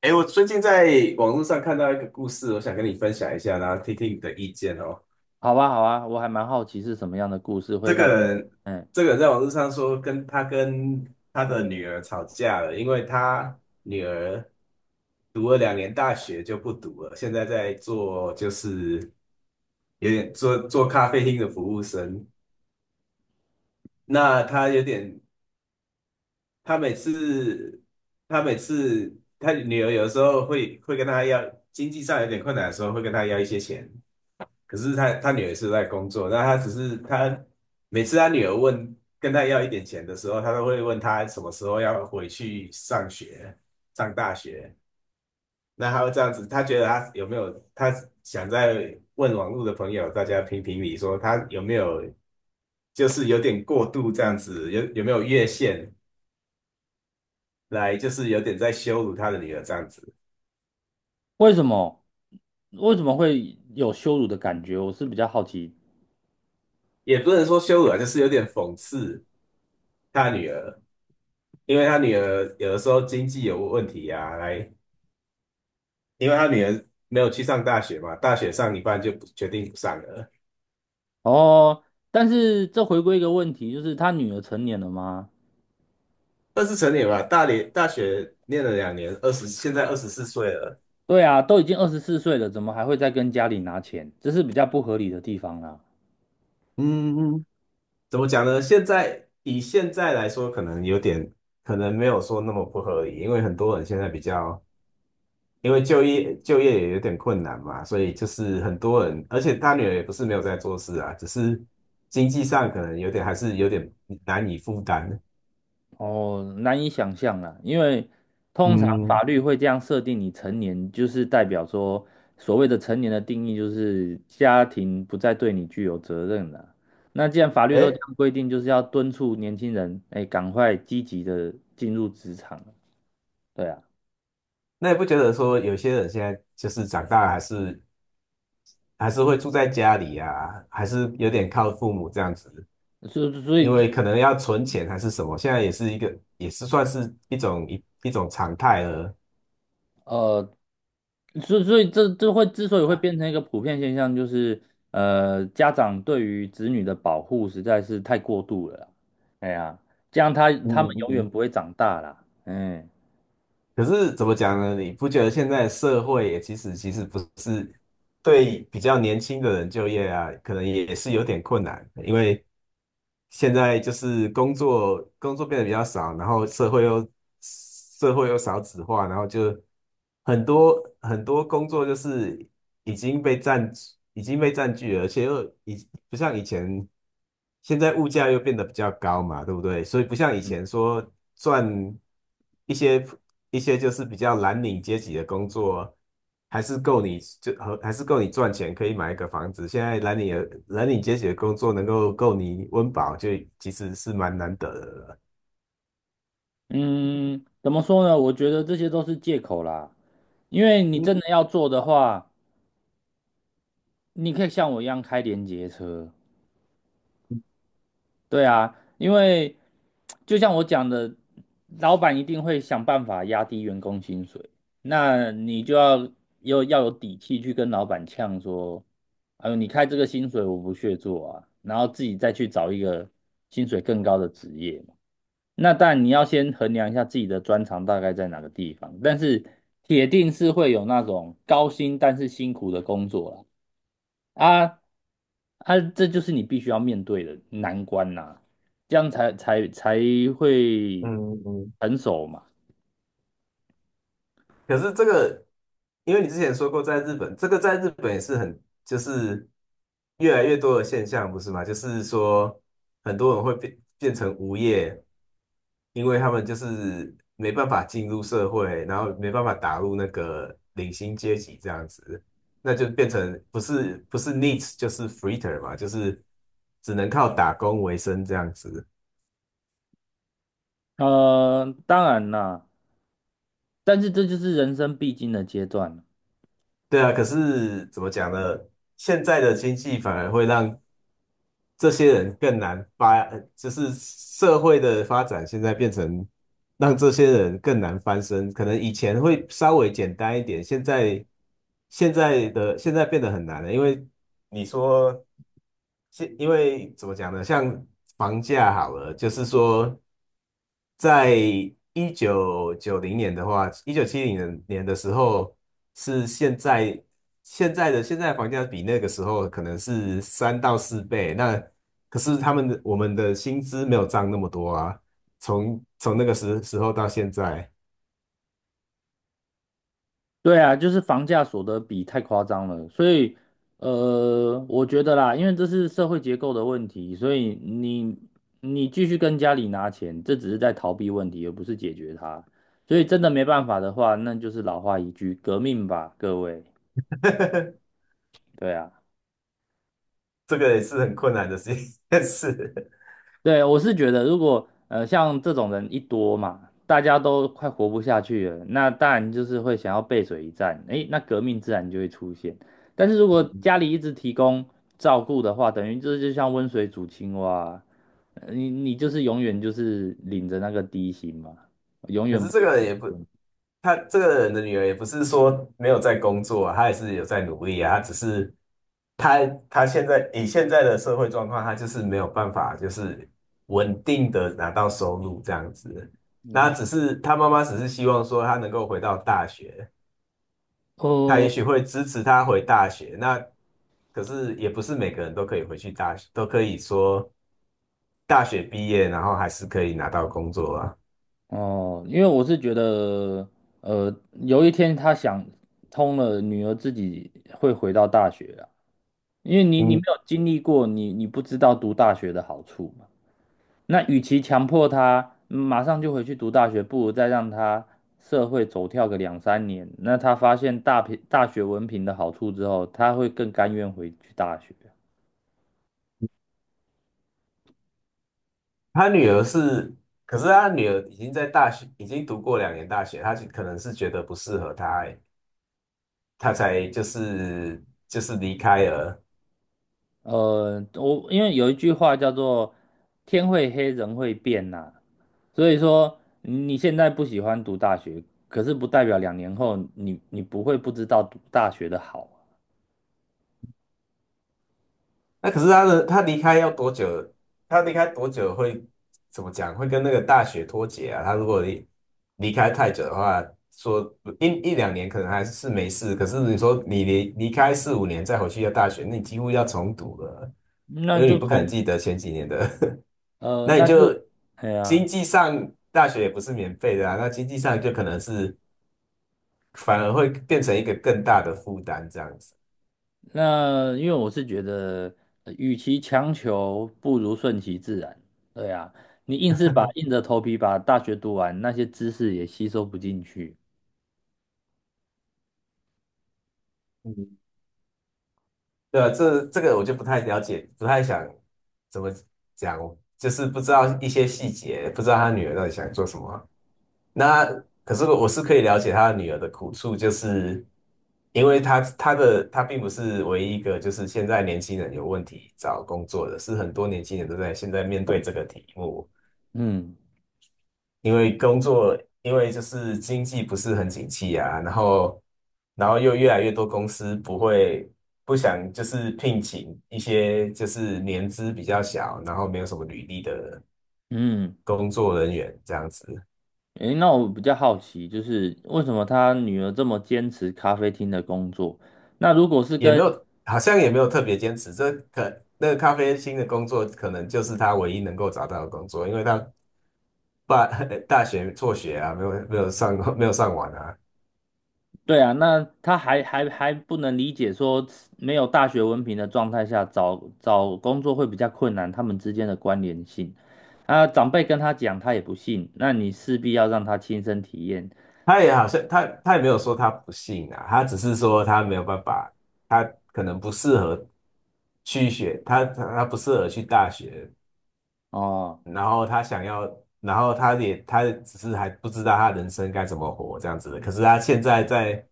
哎，我最近在网络上看到一个故事，我想跟你分享一下，然后听听你的意见哦。好吧，好啊，我还蛮好奇是什么样的故事会这个让你，人，嗯，这个人在网络上说跟他的女儿吵架了，因为他女儿读了两年大学就不读了，现在在做，就是有点做咖啡厅的服务生。那他有点，他每次他每次他女儿有时候会跟他要，经济上有点困难的时候会跟他要一些钱。可是他女儿是在工作，那他只是，他每次他女儿问，跟他要一点钱的时候，他都会问他什么时候要回去上学，上大学。那他会这样子。他觉得他有没有他想在问网络的朋友，大家评评理，说他有没有，就是有点过度这样子，有没有越线？来，就是有点在羞辱他的女儿这样子。为什么为什么会有羞辱的感觉？我是比较好奇。也不能说羞辱啊，就是有点讽刺他女儿。因为他女儿有的时候经济有问题呀。来，因为他女儿没有去上大学嘛，大学上一半就不决定不上了。哦，但是这回归一个问题，就是他女儿成年了吗？二十成年吧，大连大学念了两年，现在24岁了。对啊，都已经二十四岁了，怎么还会再跟家里拿钱？这是比较不合理的地方啦。嗯嗯，怎么讲呢？以现在来说，可能没有说那么不合理。因为很多人现在比较，因为就业也有点困难嘛，所以就是很多人。而且他女儿也不是没有在做事啊，只是经济上可能有点还是有点难以负担。哦，难以想象啦，因为通常法嗯，律会这样设定你成年，就是代表说所谓的成年的定义就是家庭不再对你具有责任了。那既然法律都这哎，样规定，就是要敦促年轻人，哎，赶快积极的进入职场。对啊，那也不觉得说有些人现在就是长大，还是会住在家里啊，还是有点靠父母这样子。所以所因以为可能要存钱还是什么，现在也是一个，也是算是一种常态了。呃，所以这会之所以会变成一个普遍现象，就是家长对于子女的保护实在是太过度了啦。哎呀，这样他们嗯嗯永远嗯，不会长大啦。嗯可是怎么讲呢？你不觉得现在社会也，其实不是对比较年轻的人就业啊，可能也是有点困难。因为现在就是工作变得比较少，然后社会又少子化，然后就很多很多工作就是已经被占已经被占据了，而且又已不像以前。现在物价又变得比较高嘛，对不对？所以不像以前说，赚一些一些就是比较蓝领阶级的工作，还是够你，赚钱，可以买一个房子。现在蓝领阶级的工作能够够你温饱，就其实是蛮难得的了。嗯，怎么说呢？我觉得这些都是借口啦。因为你真的要做的话，你可以像我一样开联结车。对啊，因为就像我讲的，老板一定会想办法压低员工薪水，那你就要要有底气去跟老板呛说，哎呦，你开这个薪水我不屑做啊，然后自己再去找一个薪水更高的职业嘛。那但你要先衡量一下自己的专长大概在哪个地方，但是铁定是会有那种高薪但是辛苦的工作啦。啊啊，这就是你必须要面对的难关呐、这样才会嗯嗯，成熟嘛。可是这个，因为你之前说过在日本，这个在日本也是很，就是越来越多的现象，不是吗？就是说很多人会变成无业。因为他们就是没办法进入社会，然后没办法打入那个领薪阶级这样子。那就变成不是 needs， 就是 freeter 嘛，就是只能靠打工为生这样子。当然啦，但是这就是人生必经的阶段。对啊，可是怎么讲呢？现在的经济反而会让这些人更难发，呃就是，社会的发展现在变成让这些人更难翻身。可能以前会稍微简单一点，现在变得很难了。因为你说，因为怎么讲呢？像房价好了，就是说，在1990年的话，一九七零年的时候，是现在，房价比那个时候可能是3到4倍。那可是他们的我们的薪资没有涨那么多啊，从那个时候到现在。对啊，就是房价所得比太夸张了，所以我觉得啦，因为这是社会结构的问题，所以你继续跟家里拿钱，这只是在逃避问题，而不是解决它。所以真的没办法的话，那就是老话一句，革命吧，各位。对啊。这个也是很困难的事。对，我是觉得，如果像这种人一多嘛，大家都快活不下去了，那当然就是会想要背水一战，诶，那革命自然就会出现。但是如果 家里一直提供照顾的话，等于就是就像温水煮青蛙，你就是永远就是领着那个低薪嘛，永可远是不这会个结也不，婚。他这个人的女儿也不是说没有在工作啊。她也是有在努力啊。她只是她现在，以现在的社会状况，她就是没有办法就是稳定的拿到收入这样子。那只是她妈妈只是希望说她能够回到大学，她也哦，许会支持她回大学。那可是也不是每个人都可以回去大学，都可以说大学毕业然后还是可以拿到工作啊。哦，因为我是觉得，呃，有一天他想通了，女儿自己会回到大学啊。因为你没嗯。有经历过，你不知道读大学的好处嘛。那与其强迫他马上就回去读大学，不如再让他社会走跳个两三年。那他发现大学文凭的好处之后，他会更甘愿回去大学。他女儿是，可是他女儿已经在大学，已经读过两年大学，他就可能是觉得不适合他，他才就是离开了。我因为有一句话叫做"天会黑，人会变"呐，所以说你现在不喜欢读大学，可是不代表两年后你不会不知道读大学的好啊那可是他离开要多久？他离开多久，会怎么讲？会跟那个大学脱节啊？他如果离开太久的话，说一两年可能还是没事。可是你说你离开四五年再回去要大学，那你几乎要重读了，那因为你就不可能从记得前几年的。呃，那你那就，就，哎呀，经济上大学也不是免费的啊，那经济上就可能是反而会变成一个更大的负担这样子。那因为我是觉得，与其强求，不如顺其自然。对呀，你硬是把硬着头皮把大学读完，那些知识也吸收不进去。嗯，对啊，这个我就不太了解，不太想怎么讲，就是不知道一些细节，不知道他女儿到底想做什么。那，可是我是可以了解他的女儿的苦处，就是因为他并不是唯一一个，就是现在年轻人有问题找工作的，是很多年轻人都在现在面对这个题目。嗯因为工作，因为就是经济不是很景气啊，然后，然后又越来越多公司不想就是聘请一些就是年资比较小，然后没有什么履历的嗯，工作人员这样子。诶，那我比较好奇，就是为什么他女儿这么坚持咖啡厅的工作？那如果是也没跟有好像也没有特别坚持。那个咖啡厅的工作可能就是他唯一能够找到的工作，因为他大 大学辍学啊，没有上完啊。对啊，那他还不能理解说没有大学文凭的状态下找工作会比较困难，他们之间的关联性。啊，长辈跟他讲，他也不信，那你势必要让他亲身体验好像他也没有说他不信啊，他只是说他没有办法，他可能不适合去学，他不适合去大学。哦，然后他想要，然后他只是还不知道他人生该怎么活这样子的。可是他现在在，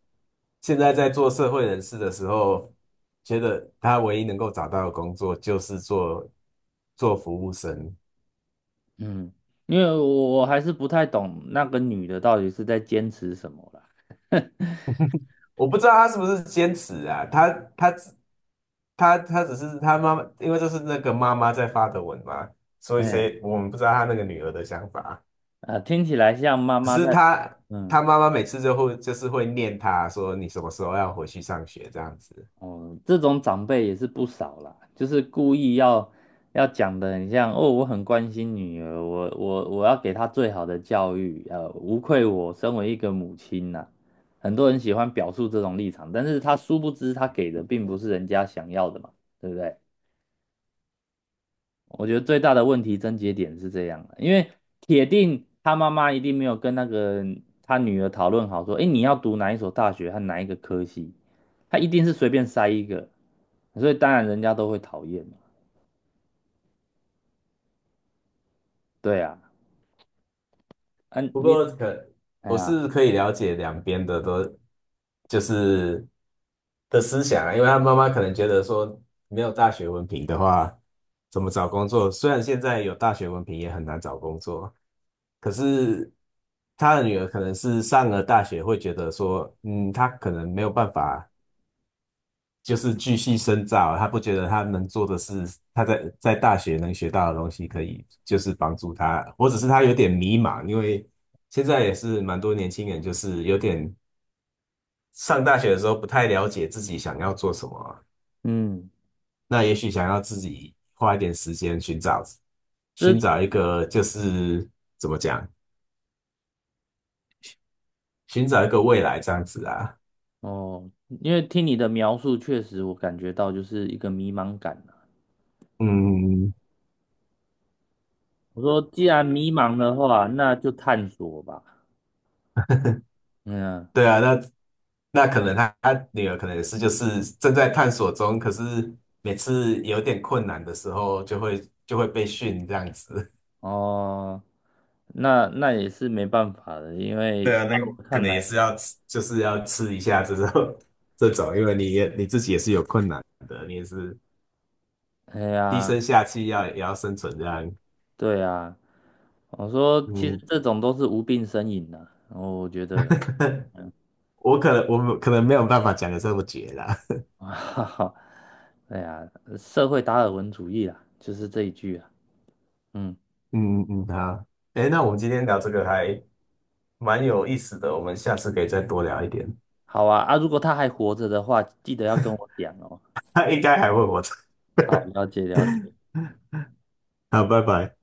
做社会人士的时候，觉得他唯一能够找到的工作就是做服务生。嗯，因为我还是不太懂那个女的到底是在坚持什么啦。我不知道他是不是坚持啊。他只是他妈妈，因为这是那个妈妈在发的文嘛，所以哎，我们不知道他那个女儿的想法。啊，听起来像妈只妈是在，他嗯。他妈妈每次就是会念他说你什么时候要回去上学这样子。哦，这种长辈也是不少啦，就是故意要讲的很像哦，我很关心女儿，我要给她最好的教育，无愧我身为一个母亲呐、很多人喜欢表述这种立场，但是他殊不知他给的并不是人家想要的嘛，对不对？我觉得最大的问题症结点是这样的，因为铁定他妈妈一定没有跟那个他女儿讨论好说，诶，你要读哪一所大学和哪一个科系，他一定是随便塞一个，所以当然人家都会讨厌嘛。对啊，啊不你，过可哎我呀，是可以了解两边的都，就是的思想啊。因为他妈妈可能觉得说没有大学文凭的话，怎么找工作？虽然现在有大学文凭也很难找工作，可是他的女儿可能是上了大学，会觉得说，嗯，他可能没有办法，就是继续深造啊。他不觉得他能做的事，他在大学能学到的东西，可以就是帮助他。或者是他有点迷茫，因为现在也是蛮多年轻人，就是有点上大学的时候不太了解自己想要做什么啊，嗯，那也许想要自己花一点时间寻找这寻找一个就是怎么讲，寻找一个未来这样子啊。哦，因为听你的描述，确实我感觉到就是一个迷茫感啊嗯，我说既然迷茫的话，那就探索吧。嗯，对啊，那可能他女儿可能也是就是正在探索中。可是每次有点困难的时候，就会被训这样子。哦。那那也是没办法的，因 为对啊，在那我可看能也来，是要吃，就是要吃一下这种 这种，因为你自己也是有困难的，你也是哎低呀，声下气，要也要生存这样。对呀，我说其实嗯，这种都是无病呻吟的，然后我觉得，我们可能没有办法讲的这么绝啦。哈哈，哎呀，社会达尔文主义啊，就是这一句啊，嗯，嗯嗯，好，诶，那我们今天聊这个还蛮有意思的，我们下次可以再多聊一点。好啊，啊，如果他还活着的话，记得要跟我讲哦，他应该还问我这好，个，了解了解。好，拜拜。